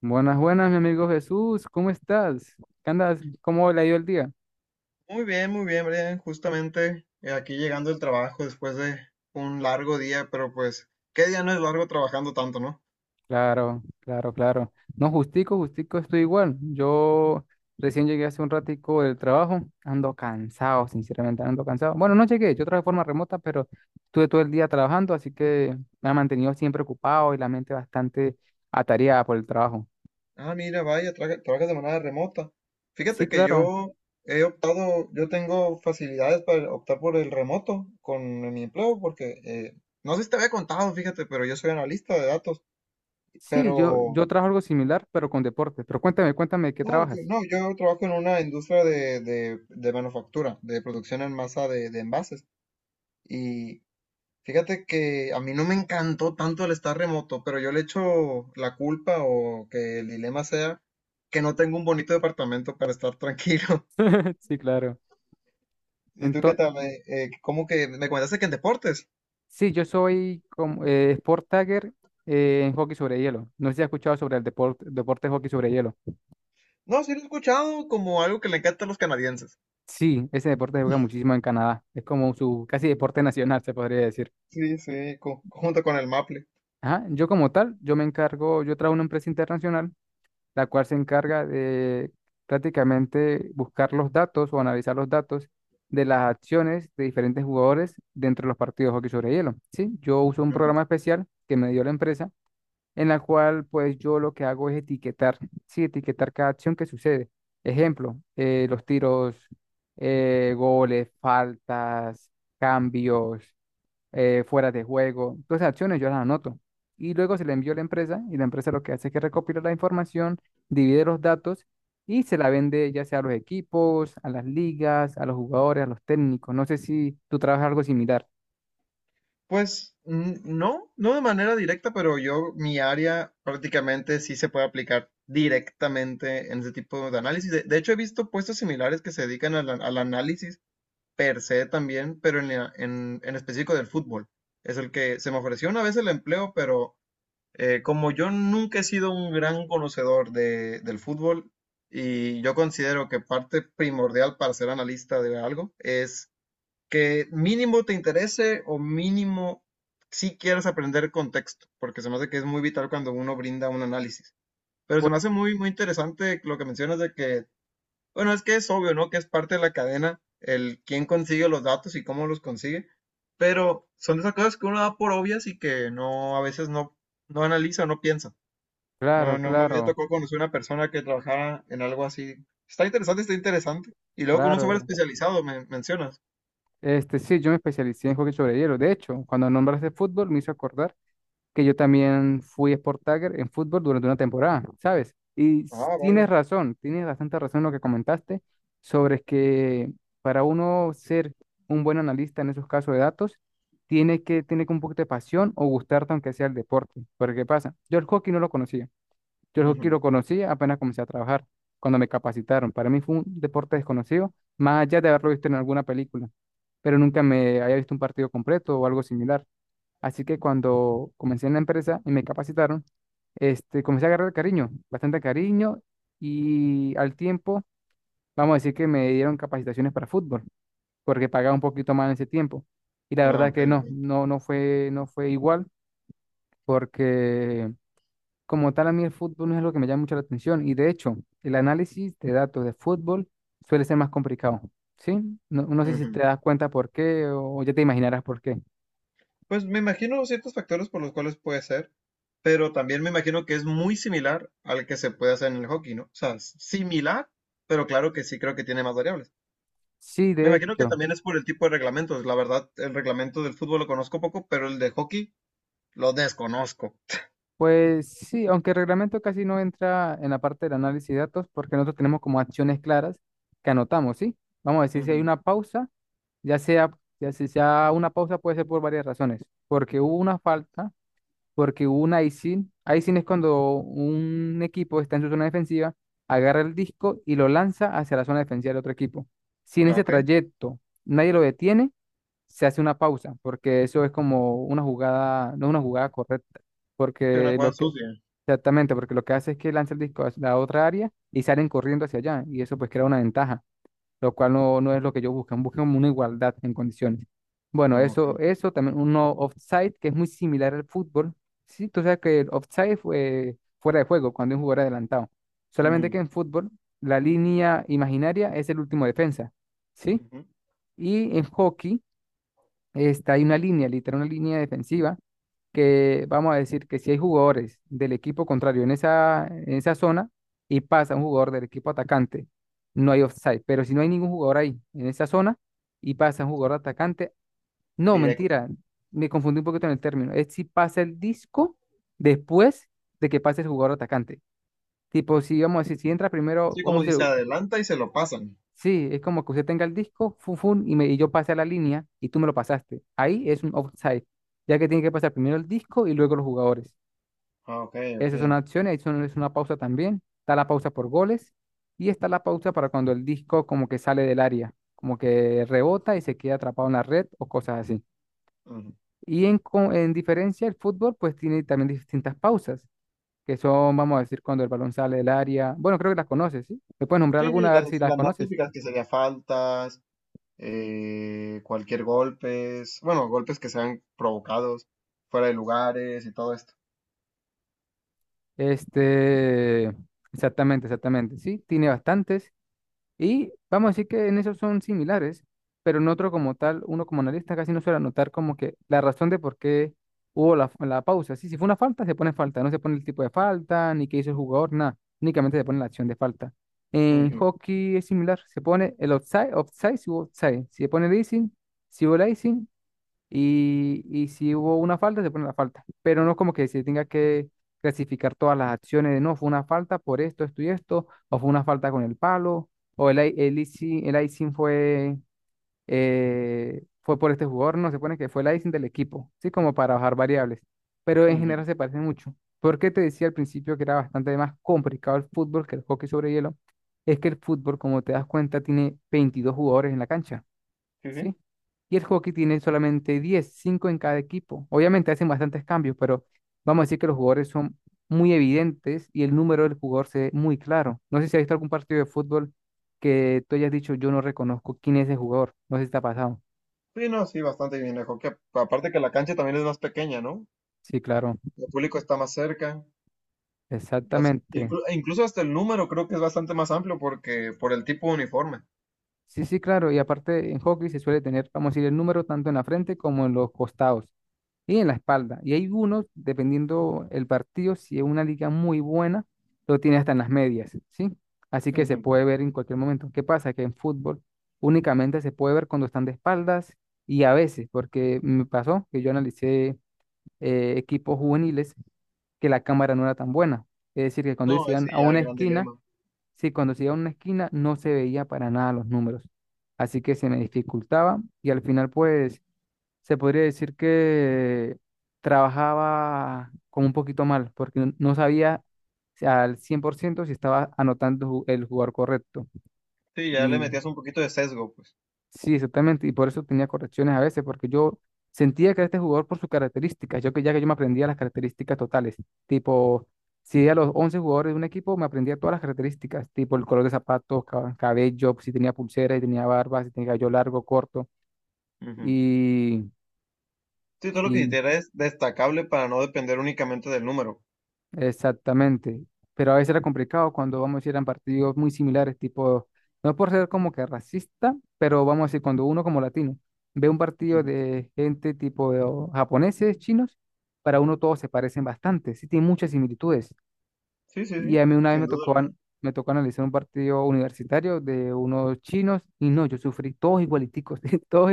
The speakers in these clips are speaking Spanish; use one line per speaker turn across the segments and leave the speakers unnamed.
Buenas, buenas, mi amigo Jesús, ¿cómo estás? ¿Qué andas? ¿Cómo le ha ido el día?
Muy bien, Brian. Justamente aquí llegando el trabajo después de un largo día, pero pues, ¿qué día no es largo trabajando tanto, no?
Claro, claro, claro. No, justico, justico, estoy igual. Yo recién llegué hace un ratico del trabajo, ando cansado, sinceramente, ando cansado. Bueno, no llegué, yo trabajé de forma remota, pero estuve todo el día trabajando, así que me ha mantenido siempre ocupado y la mente bastante atareada por el trabajo.
Ah, mira, vaya, trabajas de manera remota.
Sí,
Fíjate que
claro.
yo he optado, yo tengo facilidades para optar por el remoto con mi empleo, porque no sé si te había contado, fíjate, pero yo soy analista de datos,
Sí, yo,
pero
yo trabajo algo similar, pero con deporte. Pero cuéntame, cuéntame, ¿de ¿qué trabajas?
no, yo trabajo en una industria de manufactura, de producción en masa de envases. Y Fíjate que a mí no me encantó tanto el estar remoto, pero yo le echo la culpa o que el dilema sea que no tengo un bonito departamento para estar tranquilo.
Sí, claro.
¿Y tú qué
Ento-
tal? ¿Cómo que me comentaste que en deportes?
Sí, yo soy como, sport tagger en hockey sobre hielo. No sé si has escuchado sobre el deporte de hockey sobre hielo.
No, sí lo he escuchado como algo que le encanta a los canadienses.
Sí, ese deporte se juega muchísimo en Canadá. Es como su casi deporte nacional, se podría decir.
Sí, sí, junto con el Maple.
Ajá, yo como tal, yo me encargo, yo trabajo en una empresa internacional, la cual se encarga de prácticamente buscar los datos o analizar los datos de las acciones de diferentes jugadores dentro de los partidos de hockey sobre hielo. Sí, yo uso un
Ujú.
programa especial que me dio la empresa en la cual pues yo lo que hago es etiquetar, sí, etiquetar cada acción que sucede. Ejemplo, los tiros, goles, faltas, cambios, fuera de juego, todas esas acciones yo las anoto. Y luego se le envió a la empresa y la empresa lo que hace es que recopila la información, divide los datos y se la vende ya sea a los equipos, a las ligas, a los jugadores, a los técnicos. No sé si tú trabajas algo similar.
Pues mm, no, no de manera directa, pero yo, mi área prácticamente sí se puede aplicar directamente en ese tipo de análisis. De hecho, he visto puestos similares que se dedican al análisis per se también, pero en específico del fútbol. Es el que se me ofreció una vez el empleo, pero como yo nunca he sido un gran conocedor de, del fútbol y yo considero que parte primordial para ser analista de algo es que mínimo te interese o mínimo si quieres aprender contexto, porque se me hace que es muy vital cuando uno brinda un análisis. Pero se
Pues
me hace muy, muy interesante lo que mencionas de que bueno, es que es obvio, ¿no? Que es parte de la cadena, el quién consigue los datos y cómo los consigue, pero son de esas cosas que uno da por obvias y que no, a veces no, no analiza, no piensa.
claro,
No, no me había
claro,
tocado conocer una persona que trabajara en algo así. Está interesante, está interesante. Y luego con un software
claro.
especializado, me mencionas.
Este, sí, yo me especialicé en hockey sobre hielo. De hecho, cuando nombraste fútbol, me hizo acordar que yo también fui Sport Tagger en fútbol durante una temporada, ¿sabes?
Ah,
Tienes
vaya.
razón, tienes bastante razón en lo que comentaste sobre que para uno ser un buen analista en esos casos de datos, tiene que tener un poquito de pasión o gustarte aunque sea el deporte. Porque, ¿qué pasa? Yo el hockey no lo conocía. Yo el hockey
Ujú.
lo conocía apenas comencé a trabajar, cuando me capacitaron. Para mí fue un deporte desconocido, más allá de haberlo visto en alguna película, pero nunca me había visto un partido completo o algo similar. Así que cuando comencé en la empresa y me capacitaron, este, comencé a agarrar cariño, bastante cariño, y al tiempo, vamos a decir que me dieron capacitaciones para fútbol, porque pagaba un poquito más en ese tiempo. Y la
Ah,
verdad
ok,
que no,
ok.
no, no fue igual, porque como tal a mí el fútbol no es lo que me llama mucho la atención, y de hecho, el análisis de datos de fútbol suele ser más complicado, ¿sí? No, no sé si te
Ujú.
das cuenta por qué o ya te imaginarás por qué.
Pues me imagino ciertos factores por los cuales puede ser, pero también me imagino que es muy similar al que se puede hacer en el hockey, ¿no? O sea, similar, pero claro que sí creo que tiene más variables.
Sí,
Me
de
imagino que
hecho,
también es por el tipo de reglamentos. La verdad, el reglamento del fútbol lo conozco poco, pero el de hockey lo desconozco.
pues sí, aunque el reglamento casi no entra en la parte del análisis de datos porque nosotros tenemos como acciones claras que anotamos, ¿sí? Vamos a decir si hay
Ujú.
una pausa, ya sea, ya si sea una pausa puede ser por varias razones, porque hubo una falta, porque hubo un icing. Icing es cuando un equipo está en su zona defensiva, agarra el disco y lo lanza hacia la zona defensiva del otro equipo. Si en
Ah,
ese
ok.
trayecto nadie lo detiene, se hace una pausa, porque eso es como una jugada, no es una jugada correcta,
Sí, una
porque
cosa sucia.
exactamente, porque lo que hace es que lanza el disco a la otra área y salen corriendo hacia allá, y eso pues crea una ventaja, lo cual no, no es lo que ellos buscan, buscan una igualdad en condiciones. Bueno,
Ah,
eso,
ok.
eso también, uno offside, que es muy similar al fútbol. Sí, tú sabes que el offside fue fuera de juego, cuando es un jugador adelantado. Solamente que
Ujú,
en fútbol, la línea imaginaria es el último defensa, ¿sí?
ujú.
Y en hockey, hay una línea, literal, una línea defensiva, que vamos a decir que si hay jugadores del equipo contrario en esa zona y pasa un jugador del equipo atacante, no hay offside. Pero si no hay ningún jugador ahí en esa zona y pasa un jugador atacante, no,
Directo.
mentira, me confundí un poquito en el término. Es si pasa el disco después de que pase el jugador atacante. Tipo, si vamos a decir, si entra primero,
Sí, como
vamos a
dice,
decir,
adelanta y se lo pasan.
sí, es como que usted tenga el disco, fun, fun, y yo pasé a la línea y tú me lo pasaste. Ahí es un offside, ya que tiene que pasar primero el disco y luego los jugadores.
Ah, ok, ok.
Esa es una acción, es una pausa también. Está la pausa por goles y está la pausa para cuando el disco como que sale del área, como que rebota y se queda atrapado en la red o cosas así.
Ujú.
Y en diferencia, el fútbol pues tiene también distintas pausas, que son, vamos a decir, cuando el balón sale del área. Bueno, creo que las conoces, ¿sí? ¿Me puedes nombrar
Sí,
alguna
sí,
a
las,
ver si las
las más
conoces?
típicas que sería faltas. Cualquier golpes, bueno, golpes que sean provocados fuera de lugares y todo esto.
Este, exactamente, exactamente, sí, tiene bastantes. Y vamos a decir que en esos son similares, pero en otro como tal, uno como analista casi no suele anotar como que la razón de por qué hubo la pausa. Sí, si fue una falta, se pone falta, no se pone el tipo de falta, ni qué hizo el jugador, nada, únicamente se pone la acción de falta. En
Ujú,
hockey es similar, se pone el offside, offside, si hubo offside, si se pone el icing, si hubo el icing y si hubo una falta, se pone la falta. Pero no es como que se tenga que clasificar todas las acciones de no, fue una falta por esto, esto y esto, o fue una falta con el palo, o el icing fue por este jugador, no, se pone que fue el icing del equipo, ¿sí? Como para bajar variables. Pero en
ujú.
general se parecen mucho. Porque te decía al principio que era bastante más complicado el fútbol que el hockey sobre hielo, es que el fútbol, como te das cuenta, tiene 22 jugadores en la cancha.
Sí, sí.
¿Sí? Y el hockey tiene solamente 10, 5 en cada equipo. Obviamente hacen bastantes cambios, pero vamos a decir que los jugadores son muy evidentes y el número del jugador se ve muy claro. No sé si has visto algún partido de fútbol que tú hayas dicho, yo no reconozco quién es el jugador. No sé si te ha pasado.
Sí, no, sí, bastante bien mejor hockey. Aparte que la cancha también es más pequeña, ¿no?
Sí, claro,
El público está más cerca. Las,
exactamente.
incluso hasta el número creo que es bastante más amplio porque por el tipo de uniforme.
Sí, sí, claro. Y aparte en hockey se suele tener, vamos a decir, el número tanto en la frente como en los costados, y en la espalda. Y hay unos, dependiendo el partido, si es una liga muy buena, lo tiene hasta en las medias, ¿sí? Así que se
Ujú.
puede ver en cualquier momento. ¿Qué pasa? Que en fútbol únicamente se puede ver cuando están de espaldas y a veces, porque me pasó que yo analicé equipos juveniles, que la cámara no era tan buena. Es decir, que cuando ellos
No,
iban
ese
a
ya el
una
gran
esquina,
dilema.
sí, cuando se iba a una esquina no se veía para nada los números. Así que se me dificultaba y al final pues se podría decir que trabajaba como un poquito mal, porque no no sabía si al 100% si estaba anotando el jugador correcto.
Sí, ya le
Y
metías un poquito de sesgo, pues.
sí, exactamente, y por eso tenía correcciones a veces, porque yo sentía que este jugador por sus características, yo que ya que yo me aprendía las características totales, tipo, si a los 11 jugadores de un equipo me aprendía todas las características, tipo el color de zapatos, cabello, si tenía pulsera, si tenía barba, si tenía cabello largo, corto,
Ujú.
y...
Sí, todo lo que
Y
hiciera es destacable para no depender únicamente del número.
Exactamente, pero a veces era complicado cuando vamos a ir a partidos muy similares, tipo, no por ser como que racista, pero vamos a decir, cuando uno como latino ve un partido
Ujú.
de gente tipo o japoneses, chinos, para uno todos se parecen bastante, sí tienen muchas similitudes.
Sí, sí,
Y
sí,
a mí una vez
sin duda alguna.
me tocó analizar un partido universitario de unos chinos y no, yo sufrí todos igualiticos, todos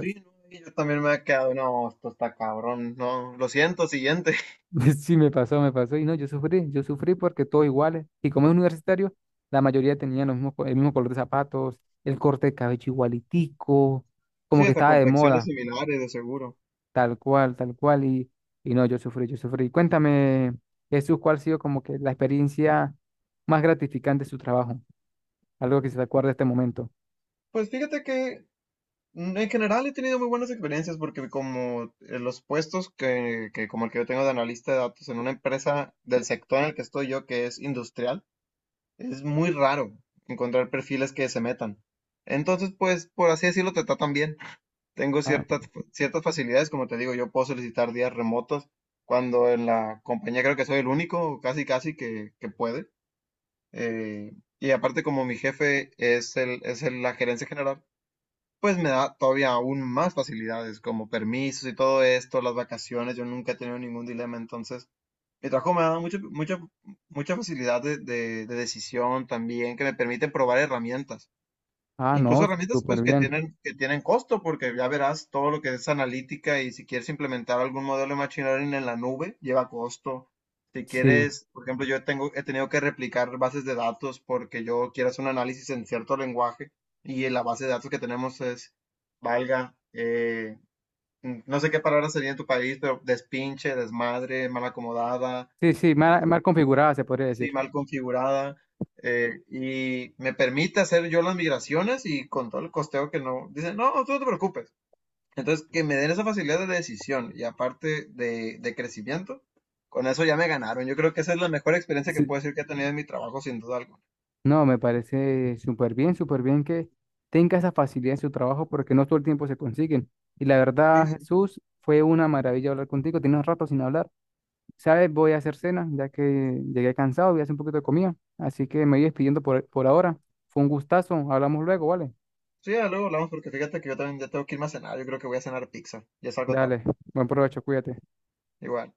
Sí, no, y yo también me he quedado, no, esto está cabrón, no, lo siento, siguiente.
Sí, me pasó, me pasó. Y no, yo sufrí porque todos iguales. Y como es universitario, la mayoría tenían el mismo color de zapatos, el corte de cabello igualitico, como
Sí,
que
hasta
estaba de
complexiones
moda,
similares, de seguro.
tal cual, tal cual. Y no, yo sufrí, yo sufrí. Cuéntame, Jesús, ¿cuál ha sido como que la experiencia más gratificante de su trabajo? Algo que se te acuerde de este momento.
Pues fíjate que mm, en general he tenido muy buenas experiencias porque como los puestos que como el que yo tengo de analista de datos en una empresa del sector en el que estoy yo, que es industrial, es muy raro encontrar perfiles que se metan. Entonces, pues, por así decirlo, te tratan bien. Tengo
Ah,
ciertas, ciertas facilidades, como te digo, yo puedo solicitar días remotos cuando en la compañía creo que soy el único, casi casi que puede. Eh, y aparte como mi jefe la gerencia general, pues me da todavía aún más facilidades, como permisos y todo esto, las vacaciones, yo nunca he tenido ningún dilema, entonces mi trabajo me ha dado mucha facilidad de decisión también, que me permite probar herramientas.
ah,
Incluso
no,
herramientas
súper
pues
bien.
que tienen costo, porque ya verás todo lo que es analítica y si quieres implementar algún modelo de machine learning en la nube, lleva costo. Si
Sí,
quieres, por ejemplo, yo tengo, he tenido que replicar bases de datos porque yo quiero hacer un análisis en cierto lenguaje y la base de datos que tenemos es, valga, no sé qué palabra sería en tu país, pero despinche, desmadre, mal acomodada,
sí, sí, mal, mal configurada, se podría
sí,
decir.
mal configurada, y me permite hacer yo las migraciones y con todo el costeo que no, dicen, no, tú no te preocupes. Entonces, que me den esa facilidad de decisión y aparte de crecimiento, con eso ya me ganaron. Yo creo que esa es la mejor experiencia que
Sí.
puedo decir que he tenido en mi trabajo, sin duda alguna.
No, me parece súper bien que tenga esa facilidad en su trabajo porque no todo el tiempo se consiguen. Y la verdad,
Sí, sí.
Jesús, fue una maravilla hablar contigo. Tienes un rato sin hablar. ¿Sabes? Voy a hacer cena, ya que llegué cansado, voy a hacer un poquito de comida. Así que me voy despidiendo por ahora. Fue un gustazo. Hablamos luego, ¿vale?
Sí, ya luego hablamos porque fíjate que yo también ya tengo que irme a cenar. Yo creo que voy a cenar pizza. Ya salgo tarde.
Dale, buen provecho, cuídate.
Igual.